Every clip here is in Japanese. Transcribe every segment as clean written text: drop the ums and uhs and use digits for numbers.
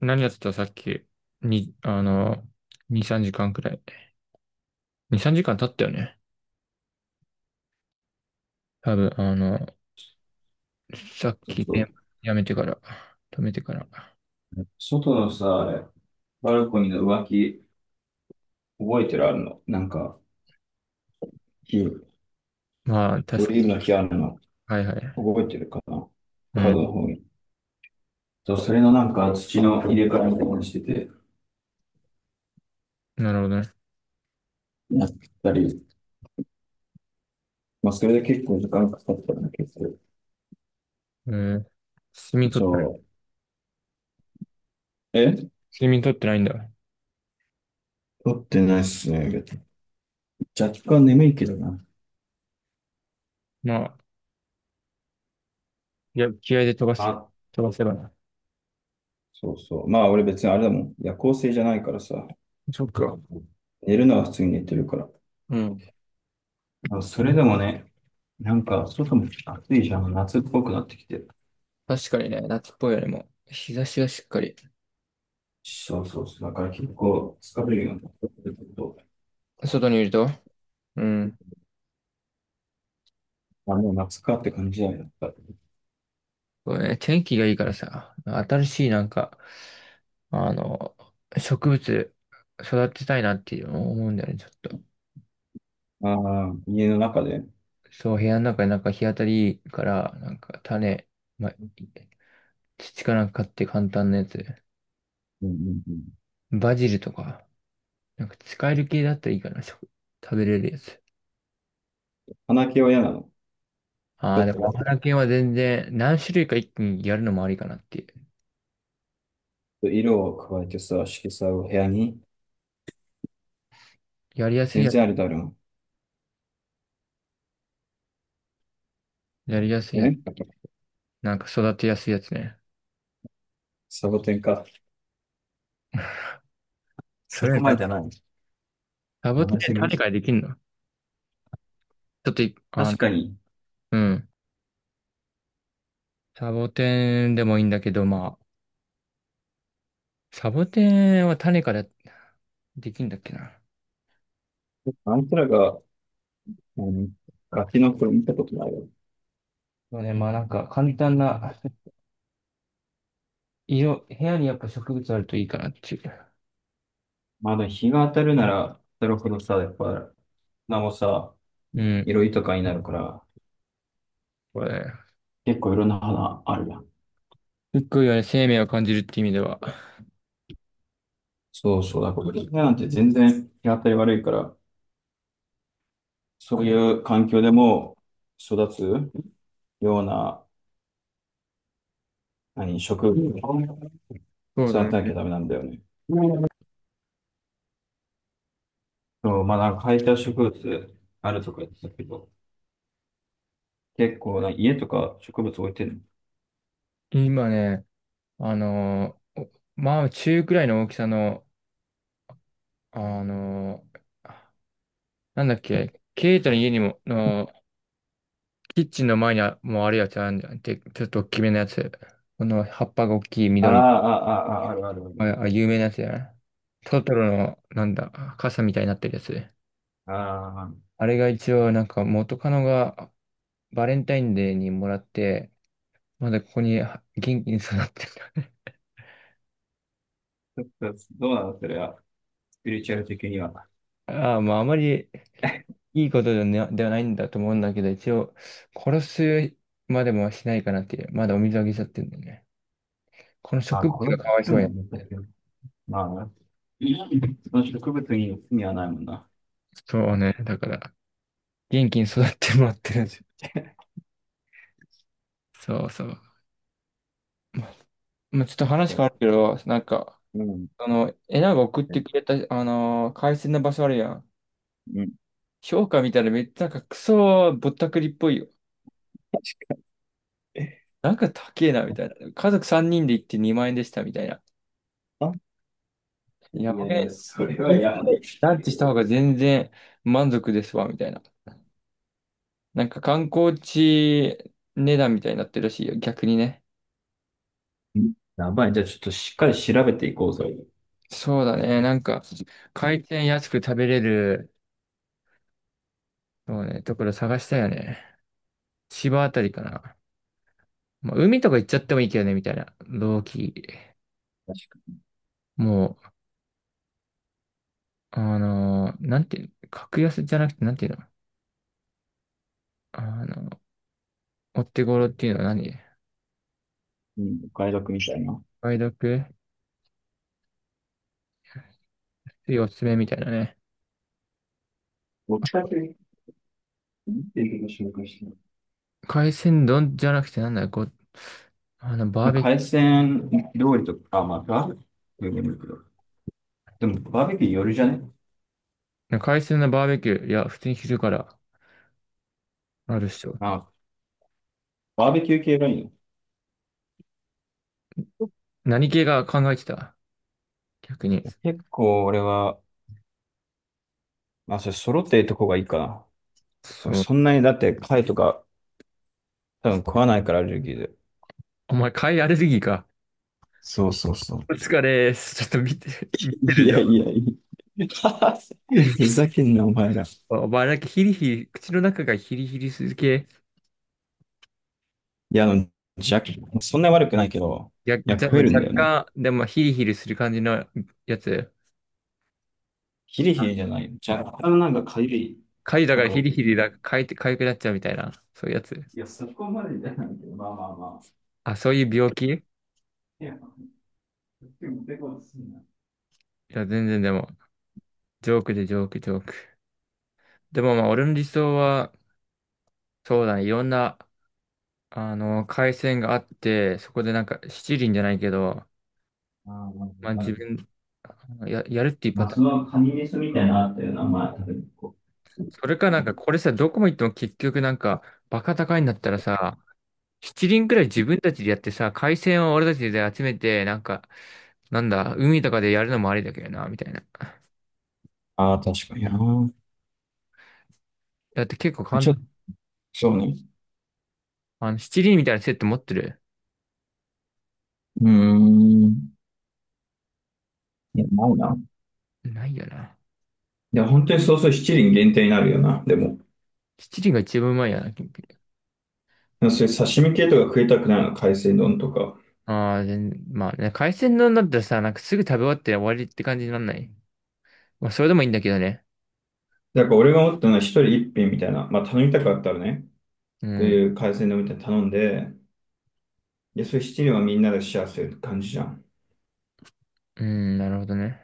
何やってたさっき、に、2、3時間くらい。2、3時間経ったよね。多分、さっそうき、そね、やめてから、止めてから。う。ね、外のさ、バルコニーの浮気、覚えてるあるのなんか、木、まあ、オ確か、リーブの木あるの、はいはい。覚えてるかな、うカーん、ドの方に。そう、それのなんか土の入れ替えみたいにしてて、なるほどね。やったり、まあ、それで結構時間かかったんだけど、えー、睡眠取っそた。う。睡眠取ってないんだ。撮ってないっすね。若干眠いけどな。まあ、いや、気合で飛ばし、あ、飛ばせばな。そうそう。まあ、俺別にあれだもん。夜行性じゃないからさ、そっか。寝るのは普通に寝てるから。うん。あ、それでもね、なんか外も暑いじゃん、夏っぽくなってきて。確かにね、夏っぽいよりも、日差しがしっかり、そうそうそう、だから結構疲れるようになってくると、外にいると、うん。あ、もう夏かって感じだよね。あこれね、天気がいいからさ、新しいなんか、あの、植物育てたいなっていう思うんだよね、ちょっと。あ、家の中で。うんそう、部屋の中でなんか日当たりいいから、なんか種、ま土かなんか買って簡単なやつ。うんうん。バジルとか、なんか使える系だったらいいかな、食、食べれるやつ。花毛は嫌なの。あちょあ、っでともお花系は全然何種類か一気にやるのもありかなっていう。色を加えてさ、色彩を部屋に。やりやすい全やつ、然あれだろやりやすいう。やつ、なんか育てやすいやつね。サボテンか。そそこれまでだ、じゃない。サボ名テ前ンっすてぎ。種からできんの？ちょっとい、あ確の、かに、うん。サボテンでもいいんだけど、まあ、サボテンは種からできんだっけな。あんたらが、あのガキの頃見たことないよ。そうね、まあなんか簡単な、色、部屋にやっぱ植物あるといいかなっていう。まだ日が当たるなら当たるほどさ、やっぱ、花もさ、うん。色豊かになるから、これ、結構いろんな花あるやん。すっごいよね、生命を感じるって意味では。そうそう、だから今なんて全然日当たり悪いから、そういう環境でも育つような、何、植物をそうだ育ね。てなきゃダメなんだよね。そう、まあなんか生えた植物あるとか言ってたけど、結構な家とか植物置いてるの。今ね、あのー、おまあ中くらいの大きさの、あのー、なんだっけ、ケイトの家にも、の、キッチンの前にもうあるやつあるんじゃん。で、ちょっと大きめのやつ。この葉っぱが大きいあ緑らの。あ、ああ、ああ、あるあるある。あ、有名なやつやな。トトロの、なんだ、傘みたいになってるやつ。ああ、あれが一応、なんか元カノがバレンタインデーにもらって、まだここには元気に育ってる。ちょっとどうなのそれは、スピリチュアル的には。ああ、まああまりいいことではないんだと思うんだけど、一応、殺すまでもしないかなっていう。まだお水あげちゃってるんだよね。このあ、植こ物れがめかわいくそうのや。難しい。まあな、その植物に罪はないもんな。そうね。だから、元気に育ってもらってるんですよ。そうそう。ま、まあ、ちょっと話変そわるけど、なんか、う。うん。えなが送ってくれた、海鮮の場所あるやん。うん。評価見たらめっちゃなんかクソぼったくりっぽいよ。確なんか高えな、みたいな。家族3人で行って2万円でした、みたいな。かに。やいばくやないや、い？それは銀座やばでい。ランチした方が全然満足ですわ、みたいな。なんか観光地値段みたいになってるらしいよ、逆にね。うん、やばい。じゃあちょっとしっかり調べていこうぜ。確そうだね、なんか、回転安く食べれる、そうね、ところ探したよね。千葉あたりかな。まあ、海とか行っちゃってもいいけどね、みたいな。同期。かもう、なんていうの、格安じゃなくて、なんていうの、あの、お手頃っていうのは何？に、お買い得みたいな。梅毒ついおすすめみたいなね。僕だけ言ってるこ紹介してない。海鮮丼じゃなくて、なんだよ、あの、バなーんかベキ海鮮料理とか、あ、まあ、バーベキューでもいいけど。でも、バーベキューよるじゃね。ュー、海鮮のバーベキュー、いや、普通に昼からあるっしょ。あ、バーベキュー系がいいの。何系が考えてた逆に。結構俺は、まあ、それ揃ってるとこがいいかな。俺そう。そんなにだって貝とか多分食わないからアレルギーで。お前、貝アレルギーか。そうそうそう。お疲れっす。ちょっと見て、見ているじゃやいん。やいや。ふざけんな、お前ら。い お前だけヒリヒリ、口の中がヒリヒリする系。や、じゃ、そんなに悪くないけど、いや、いや、じゃ、食えるん若だよな。干、でもヒリヒリする感じのやつ。ヒリヒリじゃない。若干なんかかゆい。痒いだなかんらかもヒリヒう、リだ、かいて、痒くなっちゃうみたいな、そういうやつ。いや、そこまでじゃないけど、まあまあまあ。あ、そういう病気？いいや、でも、でも、すんな。や、全然でも、ジョークでジョーク。でもまあ、俺の理想は、そうだね、いろんな、回線があって、そこでなんか、七輪じゃないけど、まあまあ、まあ、まあわか自る。分、やるっていうまパあ、ターそン。のカニメスみたいなのあったよな、まあ、それかなんか、これさ、どこも行っても結局なんか、バカ高いんだったらさ、七輪くらい自分たちでやってさ、回線を俺たちで集めて、なんか、なんだ、海とかでやるのもありだけどな、みたいな。ああ、確かにな。だって結構簡ちょっと、そうね。七輪みたいなセット持ってる？うーん。いや、ないな。ないよな。いや、本当にそうそう、七輪限定になるよな、でも。七輪が一番うまいよな、キンピ。そういう刺身系とか食いたくないの、海鮮丼とか。ああ、全まあね、海鮮丼だったらさ、なんかすぐ食べ終わって終わりって感じになんない。まあ、それでもいいんだけどね。だから俺が思ったのは一人一品みたいな、まあ頼みたかったらね、うそうん、いう海鮮丼みたいなの頼んで、いや、そういう七輪はみんなでシェアする感じじゃん。うん、なるほどね。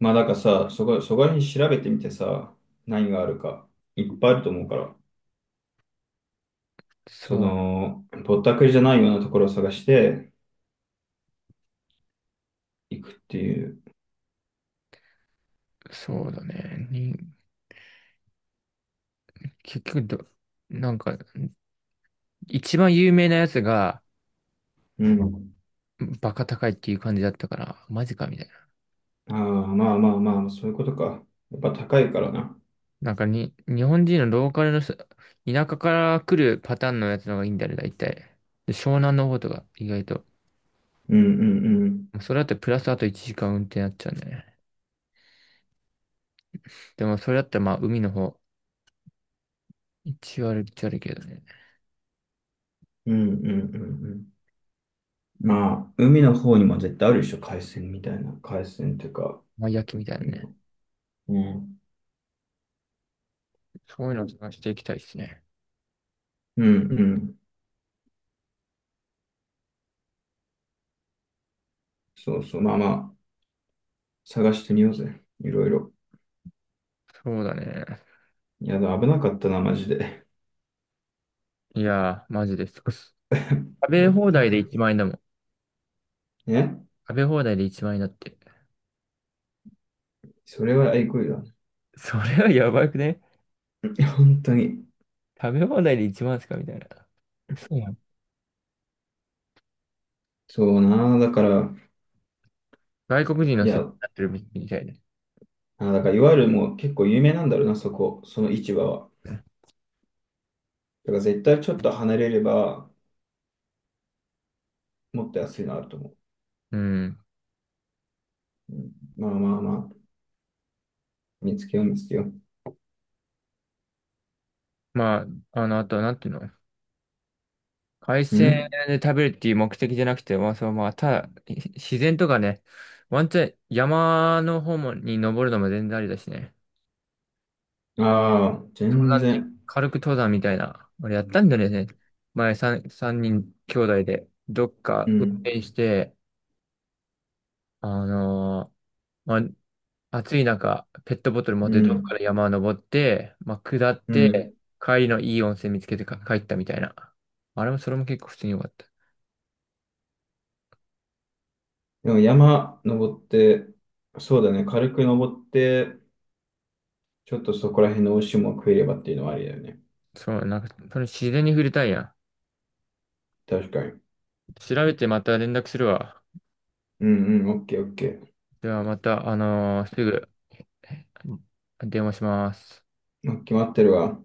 まあだからさ、そこ、そこら辺調べてみてさ、何があるか、いっぱいあると思うから、そその、ぼったくりじゃないようなところを探していくっていう。う、そうだね。に、結局ど、なんか、一番有名なやつが、うん。バカ高いっていう感じだったから、マジかみたいな。ああ、まあまあまあ、そういうことか。やっぱ高いからな。なんかに、日本人のローカルの人、田舎から来るパターンのやつの方がいいんだよね、大体。で湘南の方とか、意外と。うんうんうん。それだってプラスあと1時間運転になっちゃうね。でもそれだったらまあ海の方、一割一割けどね。うんうんうんうん。まあ、海の方にも絶対あるでしょ、海鮮みたいな。海鮮っていうか、まあ焼きみたいなうね。ん。うん、そういうの探していきたいですね。うん。そうそう。まあまあ、探してみようぜ。いろいろ。そうだね。いや、でも危なかったな、マジで。いやー、マジです。食 ぼべっ放た題でく。1万円だもん。ね。食べ放題で1万円だって。それは愛国だ。いそれはやばくね？や、本当に。食べ放題で1万ですかみたいな。嘘やん。そうな。だから、外国人のい設定にや、なってるみたいで。あ、だから、いわゆるもう結構有名なんだろうな、そこ。その市場は。だから絶対ちょっと離れれば、もっと安いのあると思う。うん。うん、まあまあまあ、見つけよう、見つけよう。まあ、あとはなんていうの？海う鮮ん、で食べるっていう目的じゃなくて、まあ、そのまあ、ただ、ひ自然とかね、ワンチャン山の方もに登るのも全然ありだしね。ああ、登全山って、然。軽く登山みたいな。俺やったんだよね。前さん三人兄弟で、どっうか運ん、転して、あのーまあ、暑い中、ペットボトル持っうてどっかん、ら山登って、まあ、下っうん。て、帰りのいい温泉見つけてか帰ったみたいな。あれも、それも結構普通に良かった。でも山登って、そうだね、軽く登って、ちょっとそこら辺の美味しいもの食えればっていうのはありだよね。そう、なんか、その自然に触れたいやん。確かに。調べてまた連絡するわ。うんうん、オッケーオッケー。ではまた、すぐ電話します。決まってるわ。